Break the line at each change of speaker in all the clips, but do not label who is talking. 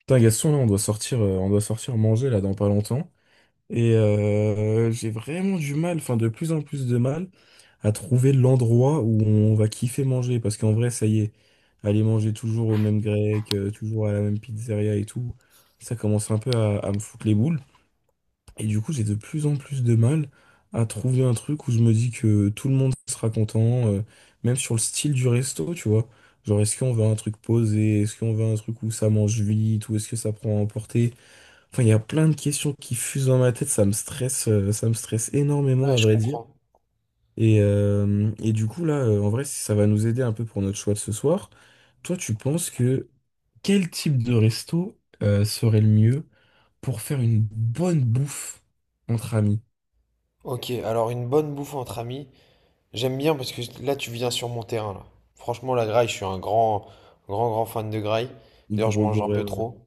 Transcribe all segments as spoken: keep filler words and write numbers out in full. Putain, Gaston, là, on doit sortir, euh, on doit sortir manger là dans pas longtemps. Et euh, j'ai vraiment du mal, enfin de plus en plus de mal, à trouver l'endroit où on va kiffer manger. Parce qu'en vrai, ça y est, aller manger toujours au même grec, euh, toujours à la même pizzeria et tout, ça commence un peu à, à me foutre les boules. Et du coup, j'ai de plus en plus de mal à trouver un truc où je me dis que tout le monde sera content, euh, même sur le style du resto, tu vois. Genre, est-ce qu'on veut un truc posé? Est-ce qu'on veut un truc où ça mange vite? Ou est-ce que ça prend à emporter? Enfin, il y a plein de questions qui fusent dans ma tête. Ça me stresse, euh, ça me stresse énormément,
Ouais,
à
je
vrai dire.
comprends.
Et, euh, et du coup, là, euh, en vrai, si ça va nous aider un peu pour notre choix de ce soir, toi, tu penses que quel type de resto, euh, serait le mieux pour faire une bonne bouffe entre amis?
Ok, alors une bonne bouffe entre amis, j'aime bien parce que là tu viens sur mon terrain là. Franchement la graille, je suis un grand, grand, grand fan de graille. D'ailleurs je
Gros
mange un
goré,
peu
ouais.
trop.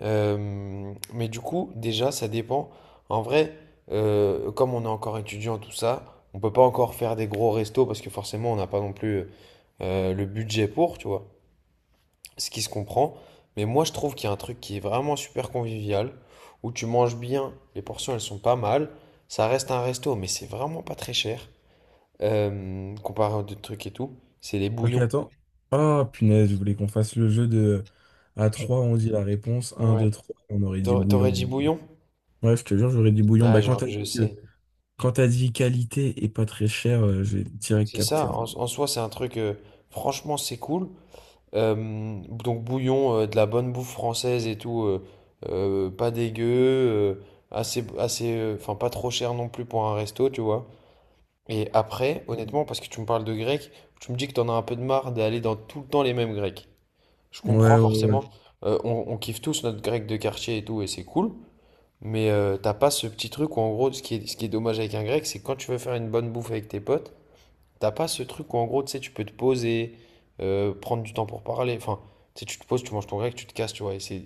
Euh, mais du coup déjà ça dépend. En vrai, euh, comme on est encore étudiant tout ça, on peut pas encore faire des gros restos parce que forcément on n'a pas non plus euh, le budget pour, tu vois. Ce qui se comprend. Mais moi, je trouve qu'il y a un truc qui est vraiment super convivial, où tu manges bien, les portions, elles sont pas mal. Ça reste un resto, mais c'est vraiment pas très cher, euh, comparé aux autres trucs et tout. C'est les
Ok,
bouillons.
attends. Ah, punaise, je voulais qu'on fasse le jeu de… À
Tu-
trois, on dit la réponse. Un,
Ouais.
deux, trois, on aurait dit
T'aurais
bouillon.
t'aurais dit bouillon?
Ouais, je te jure, j'aurais dit bouillon.
Ah,
Bah,
je,
quand t'as dit,
je
que-
sais.
quand t'as dit qualité et pas très cher, euh, j'ai direct
C'est
capté,
ça,
en
en,
vrai.
en soi, c'est un truc, euh, franchement, c'est cool. Euh, donc, bouillon, euh, de la bonne bouffe française et tout, euh, euh, pas dégueu, euh, assez, assez, euh, enfin, pas trop cher non plus pour un resto, tu vois. Et après, honnêtement, parce que tu me parles de grec, tu me dis que t'en as un peu de marre d'aller dans tout le temps les mêmes grecs. Je
Ouais,
comprends
ouais, ouais.
forcément, euh, on, on kiffe tous notre grec de quartier et tout, et c'est cool, mais euh, t'as pas ce petit truc où en gros, ce qui est, ce qui est dommage avec un grec, c'est quand tu veux faire une bonne bouffe avec tes potes, t'as pas ce truc où en gros, tu sais, tu peux te poser, euh, prendre du temps pour parler, enfin, tu sais, tu te poses, tu manges ton grec, tu te casses, tu vois, et c'est...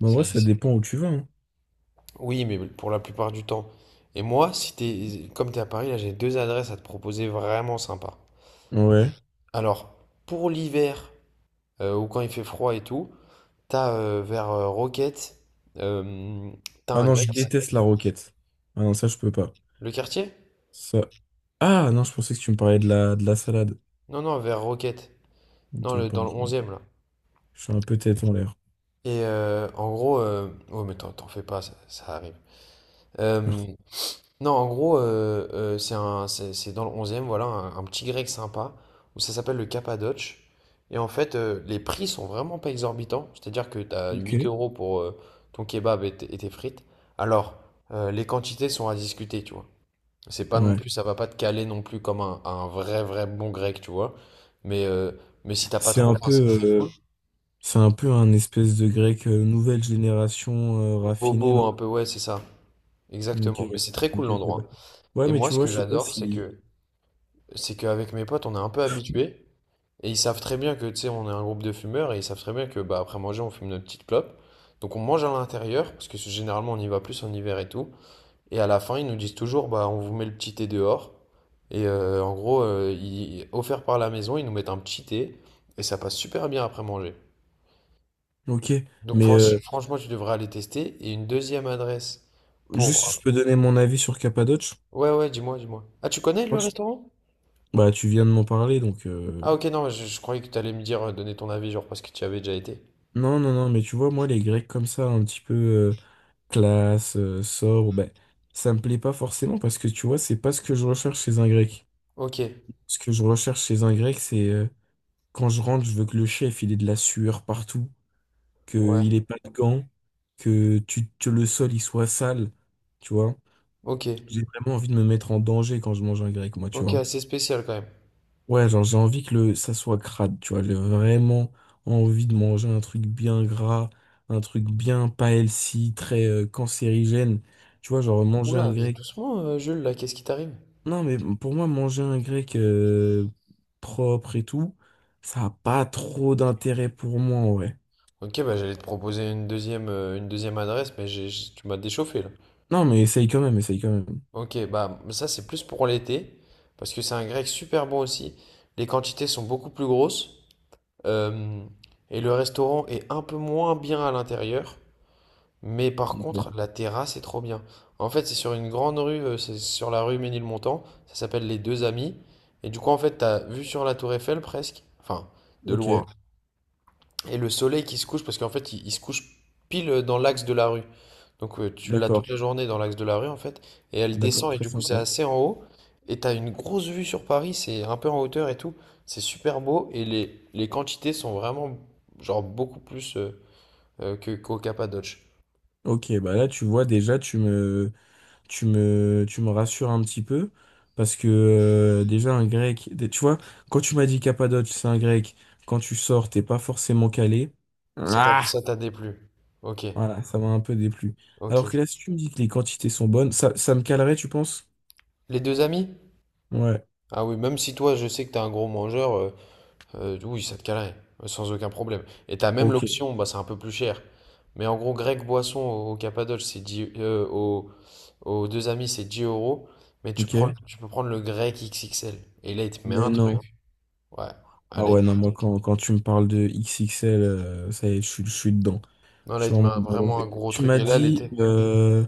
Mais en
c'est-
vrai, ça
c'est-
dépend où tu vas, hein.
Oui, mais pour la plupart du temps. Et moi, si t'es, comme t'es à Paris, là, j'ai deux adresses à te proposer vraiment sympas.
Ouais.
Alors, pour l'hiver, euh, ou quand il fait froid et tout, t'as euh, vers euh, Roquette, euh, t'as
Ah
un
non, je
grec.
déteste la roquette. Ah non, ça, je peux pas.
Le quartier?
Ça… Ah non, je pensais que tu me parlais de la, de la salade.
Non, non, vers Roquette. Non,
Ok,
le, dans le
pardon.
onzième là.
Je suis un peu tête en l'air.
Et euh, en gros, euh, ouais, mais t'en t'en fais pas, ça, ça arrive. Euh,
Merci.
Non, en gros, euh, euh, c'est un, c'est, c'est dans le onze voilà, un, un petit grec sympa, où ça s'appelle le Cappadoce. Et en fait, euh, les prix sont vraiment pas exorbitants, c'est-à-dire que tu as
Ok.
huit euros pour euh, ton kebab et, t- et tes frites. Alors, euh, les quantités sont à discuter, tu vois. C'est pas non
Ouais.
plus, ça va pas te caler non plus comme un, un vrai, vrai bon grec, tu vois. Mais, euh, mais si t'as pas
C'est
trop
un
faim,
peu.
c'est c'est
euh, C'est un peu un espèce de grec euh, nouvelle génération euh, raffinée, non?
bobo un peu, ouais, c'est ça.
Ok.
Exactement. Mais c'est très
Ok,
cool
je sais pas.
l'endroit.
Ouais,
Et
mais
moi,
tu
ce
vois,
que
je sais pas
j'adore, c'est
si…
que c'est qu'avec mes potes, on est un peu habitué. Et ils savent très bien que, tu sais, on est un groupe de fumeurs et ils savent très bien que, bah, après manger, on fume notre petite clope. Donc on mange à l'intérieur, parce que généralement on y va plus en hiver et tout. Et à la fin, ils nous disent toujours, bah, on vous met le petit thé dehors. Et euh, en gros, euh, ils- offert par la maison, ils nous mettent un petit thé et ça passe super bien après manger.
Ok,
Donc
mais
franch-
euh,
franchement, tu devrais aller tester. Et une deuxième adresse
juste, si
pour.
je peux donner mon avis sur Cappadoce.
Ouais, ouais, dis-moi, dis-moi. Ah, tu connais le
Moi, je-
restaurant?
Bah, tu viens de m'en parler, donc. euh,
Ah, ok, non, je, je croyais que tu allais me dire, euh, donner ton avis, genre parce que tu y avais déjà été.
Non, non, non, mais tu vois, moi, les Grecs comme ça, un petit peu euh, classe, euh, sobre, ben, ça me plaît pas forcément parce que tu vois, c'est pas ce que je recherche chez un Grec.
Ok,
Ce que je recherche chez un Grec, c'est euh, quand je rentre, je veux que le chef, il ait de la sueur partout,
ouais,
qu'il ait pas de gants, que tu, que le sol il soit sale, tu vois.
ok.
J'ai vraiment envie de me mettre en danger quand je mange un grec, moi, tu
Ok,
vois.
assez spécial quand même.
Ouais, genre j'ai envie que le, ça soit crade, tu vois. J'ai vraiment envie de manger un truc bien gras, un truc bien pas healthy, très euh, cancérigène. Tu vois, genre manger un
Oula, mais
grec.
doucement, euh, Jules, là, qu'est-ce qui t'arrive?
Non, mais pour moi, manger un grec euh, propre et tout, ça a pas trop d'intérêt pour moi, ouais.
Ok, bah j'allais te proposer une deuxième, euh, une deuxième adresse, mais j'ai- j'ai- tu m'as déchauffé là.
Non, mais essaye quand même, essaye quand même.
Ok, bah ça c'est plus pour l'été, parce que c'est un grec super bon aussi. Les quantités sont beaucoup plus grosses, euh, et le restaurant est un peu moins bien à l'intérieur, mais par
Ok.
contre, la terrasse est trop bien. En fait, c'est sur une grande rue, euh, c'est sur la rue Ménilmontant, ça s'appelle Les Deux Amis, et du coup, en fait, t'as vu sur la tour Eiffel presque, enfin, de
Ok,
loin. Et le soleil qui se couche, parce qu'en fait, il, il se couche pile dans l'axe de la rue. Donc euh, tu l'as toute
d'accord.
la journée dans l'axe de la rue, en fait. Et elle
D'accord,
descend, et
très
du coup, c'est
sympa.
assez en haut. Et t'as une grosse vue sur Paris, c'est un peu en hauteur et tout. C'est super beau, et les, les quantités sont vraiment, genre, beaucoup plus euh, euh, que, qu'au Cappadoce.
Ok, bah là tu vois déjà tu me tu me tu me rassures un petit peu parce que euh, déjà un grec, des- tu vois, quand tu m'as dit Cappadoce, c'est un grec, quand tu sors, t'es pas forcément calé.
Ça t'a
Ah!
ça t'a déplu. Ok,
Voilà, ça m'a un peu déplu.
ok.
Alors que là, si tu me dis que les quantités sont bonnes, ça, ça me calerait, tu penses?
Les deux amis?
Ouais,
Ah oui, même si toi, je sais que t'es un gros mangeur, euh, Euh, oui, ça te calerait, euh, sans aucun problème. Et t'as même
ok,
l'option, bah c'est un peu plus cher. Mais en gros, grec boisson au, au Cappadoce, c'est dix. euh, au- Aux deux amis, c'est dix euros. Mais tu prends,
ok.
tu peux prendre le grec X X L. Et là, il te met
Mais
un
non.
truc. Ouais. Ah,
Ah
là, il
ouais,
te-
non, moi quand, quand tu me parles de X X L, euh, ça y est, je suis je suis dedans.
Non,
Je
là, il
suis
te met
vraiment
un-
bon. Donc,
vraiment un gros
tu
truc.
m'as
Et là,
dit
l'été,
euh,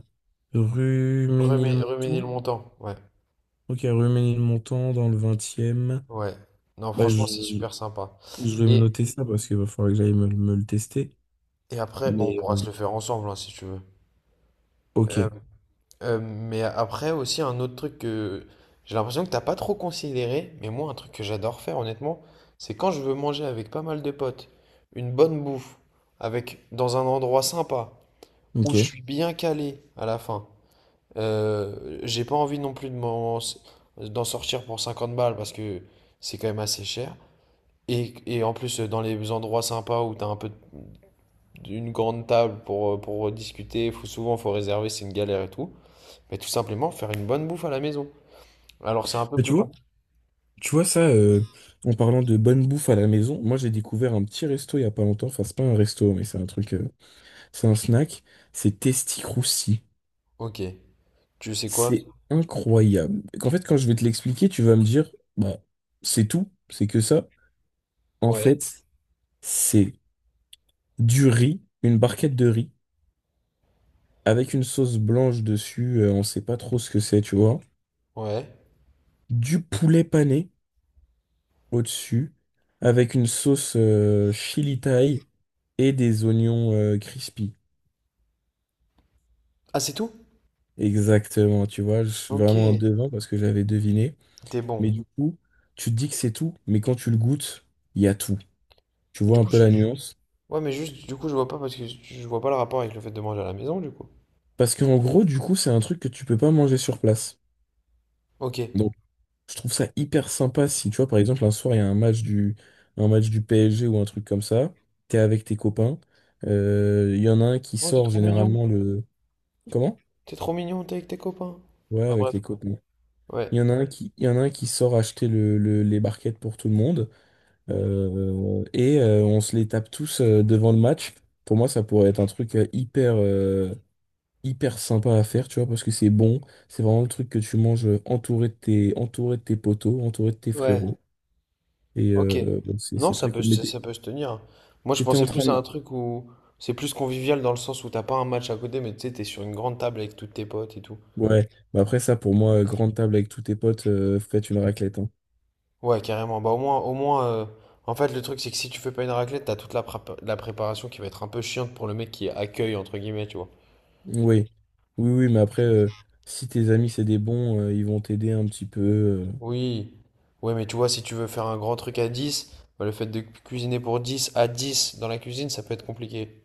rue
remets, remets le
Ménilmontant.
montant. Ouais.
Ok, rue Ménilmontant dans le vingt.
Ouais. Non,
Bah,
franchement,
je,
c'est super sympa.
je vais me
Et,
noter ça parce qu'il va falloir que j'aille me, me le tester.
et après, bon, on
Mais
pourra
euh,
se le faire ensemble, hein, si tu veux.
ok,
Euh, Euh, mais après aussi un autre truc que j'ai l'impression que t'as pas trop considéré, mais moi un truc que j'adore faire honnêtement, c'est quand je veux manger avec pas mal de potes, une bonne bouffe, avec dans un endroit sympa, où
ok.
je suis bien calé à la fin. Euh, j'ai pas envie non plus de m'en- d'en sortir pour cinquante balles parce que c'est quand même assez cher. Et, et en plus dans les endroits sympas où t'as un peu une grande table pour, pour discuter, faut souvent faut réserver, c'est une galère et tout. Mais tout simplement faire une bonne bouffe à la maison. Alors c'est un peu
Mais tu
plus
vois,
compliqué.
tu vois ça, euh, en parlant de bonne bouffe à la maison, moi j'ai découvert un petit resto il y a pas longtemps. Enfin, c'est pas un resto, mais c'est un truc, euh, c'est un snack. C'est Testy Crousty.
Ok. Tu sais quoi?
C'est incroyable. En fait, quand je vais te l'expliquer, tu vas me dire, bah, c'est tout, c'est que ça. En
Ouais.
fait, c'est du riz, une barquette de riz, avec une sauce blanche dessus, euh, on sait pas trop ce que c'est, tu vois.
Ouais.
Du poulet pané au-dessus, avec une sauce euh, chili thaï et des oignons euh, crispy.
Ah, c'est tout?
Exactement, tu vois, je suis
Ok.
vraiment un devin parce que j'avais deviné.
T'es bon.
Mais du coup, tu te dis que c'est tout, mais quand tu le goûtes, il y a tout. Tu
Du
vois un
coup,
peu
je.
la nuance.
Ouais, mais juste, du coup, je vois pas parce que je je vois pas le rapport avec le fait de manger à la maison, du coup.
Parce qu'en gros, du coup, c'est un truc que tu peux pas manger sur place.
Ok.
Donc, je trouve ça hyper sympa si, tu vois, par exemple, un soir, il y a un match du, un match du P S G ou un truc comme ça. T'es avec tes copains. euh, Il y en a un qui
Oh, t'es
sort
trop mignon.
généralement le… Comment?
T'es trop mignon, t'es avec tes copains.
Ouais,
Bah,
avec
bref.
les copains.
Ouais.
Il y en a un qui, il y en a un qui sort acheter le, le- les barquettes pour tout le monde, euh, et euh, on se les tape tous euh, devant le match. Pour moi, ça pourrait être un truc euh, hyper, euh, hyper sympa à faire, tu vois, parce que c'est bon. C'est vraiment le truc que tu manges entouré de tes, entouré de tes potos, entouré de tes
Ouais.
frérots. Et
Ok.
euh, bon, c'est
Non,
c'est
ça
très
peut,
cool. Mais
se-
t'é-
ça peut se tenir. Moi, je
t'étais en
pensais
train
plus à un
de…
truc où c'est plus convivial dans le sens où t'as pas un match à côté, mais tu sais, t'es sur une grande table avec tous tes potes et tout.
Ouais, mais après ça, pour moi, euh, grande table avec tous tes potes, euh, faites une raclette, hein.
Ouais, carrément. Bah, au moins, au moins euh, en fait, le truc, c'est que si tu fais pas une raclette, t'as toute la, prépa- la préparation qui va être un peu chiante pour le mec qui accueille, entre guillemets, tu vois.
Oui, oui, oui, mais après, euh, si tes amis, c'est des bons, euh, ils vont t'aider un petit peu, euh.
Oui. Ouais, mais tu vois, si tu veux faire un grand truc à dix bah, le fait de cu- cuisiner pour dix à dix dans la cuisine, ça peut être compliqué.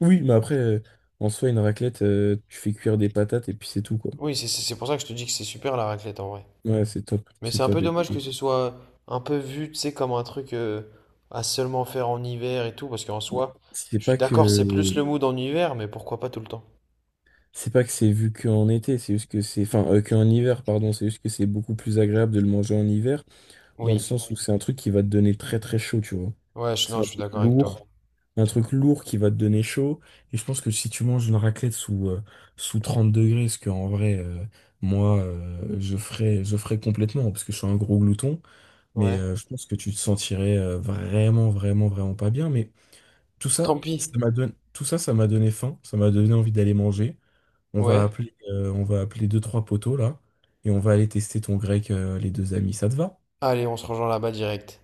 Oui, mais après, euh, en soi, une raclette, euh, tu fais cuire des patates et puis c'est tout, quoi.
Oui, c'est c'est- c'est pour ça que je te dis que c'est super la raclette en vrai.
Ouais, c'est top,
Mais
c'est
c'est un
top.
peu
Et
dommage
puis…
que ce soit un peu vu, tu sais, comme un truc euh, à seulement faire en hiver et tout, parce qu'en soi,
C'est
je suis
pas
d'accord, c'est plus le
que...
mood en hiver, mais pourquoi pas tout le temps?
C'est pas que c'est vu qu'en été, c'est juste que c'est… Enfin, euh, qu'en hiver, pardon, c'est juste que c'est beaucoup plus agréable de le manger en hiver, dans le
Oui.
sens où c'est un truc qui va te donner très très chaud, tu vois.
Ouais, je-
C'est
non,
un
je suis
truc
d'accord avec toi.
lourd, un truc lourd qui va te donner chaud. Et je pense que si tu manges une raclette sous, euh, sous trente degrés, ce que en vrai, euh, moi, euh, je ferais, je ferais complètement, parce que je suis un gros glouton, mais
Ouais.
euh, je pense que tu te sentirais euh, vraiment, vraiment, vraiment pas bien. Mais tout
Tant
ça,
pis,
ça m'a donné, tout ça, ça m'a donné faim, ça m'a donné envie d'aller manger. On
ouais.
va appeler, euh, on va appeler deux, trois poteaux là, et on va aller tester ton grec, euh, les deux amis. Ça te va?
Allez, on se rejoint là-bas direct.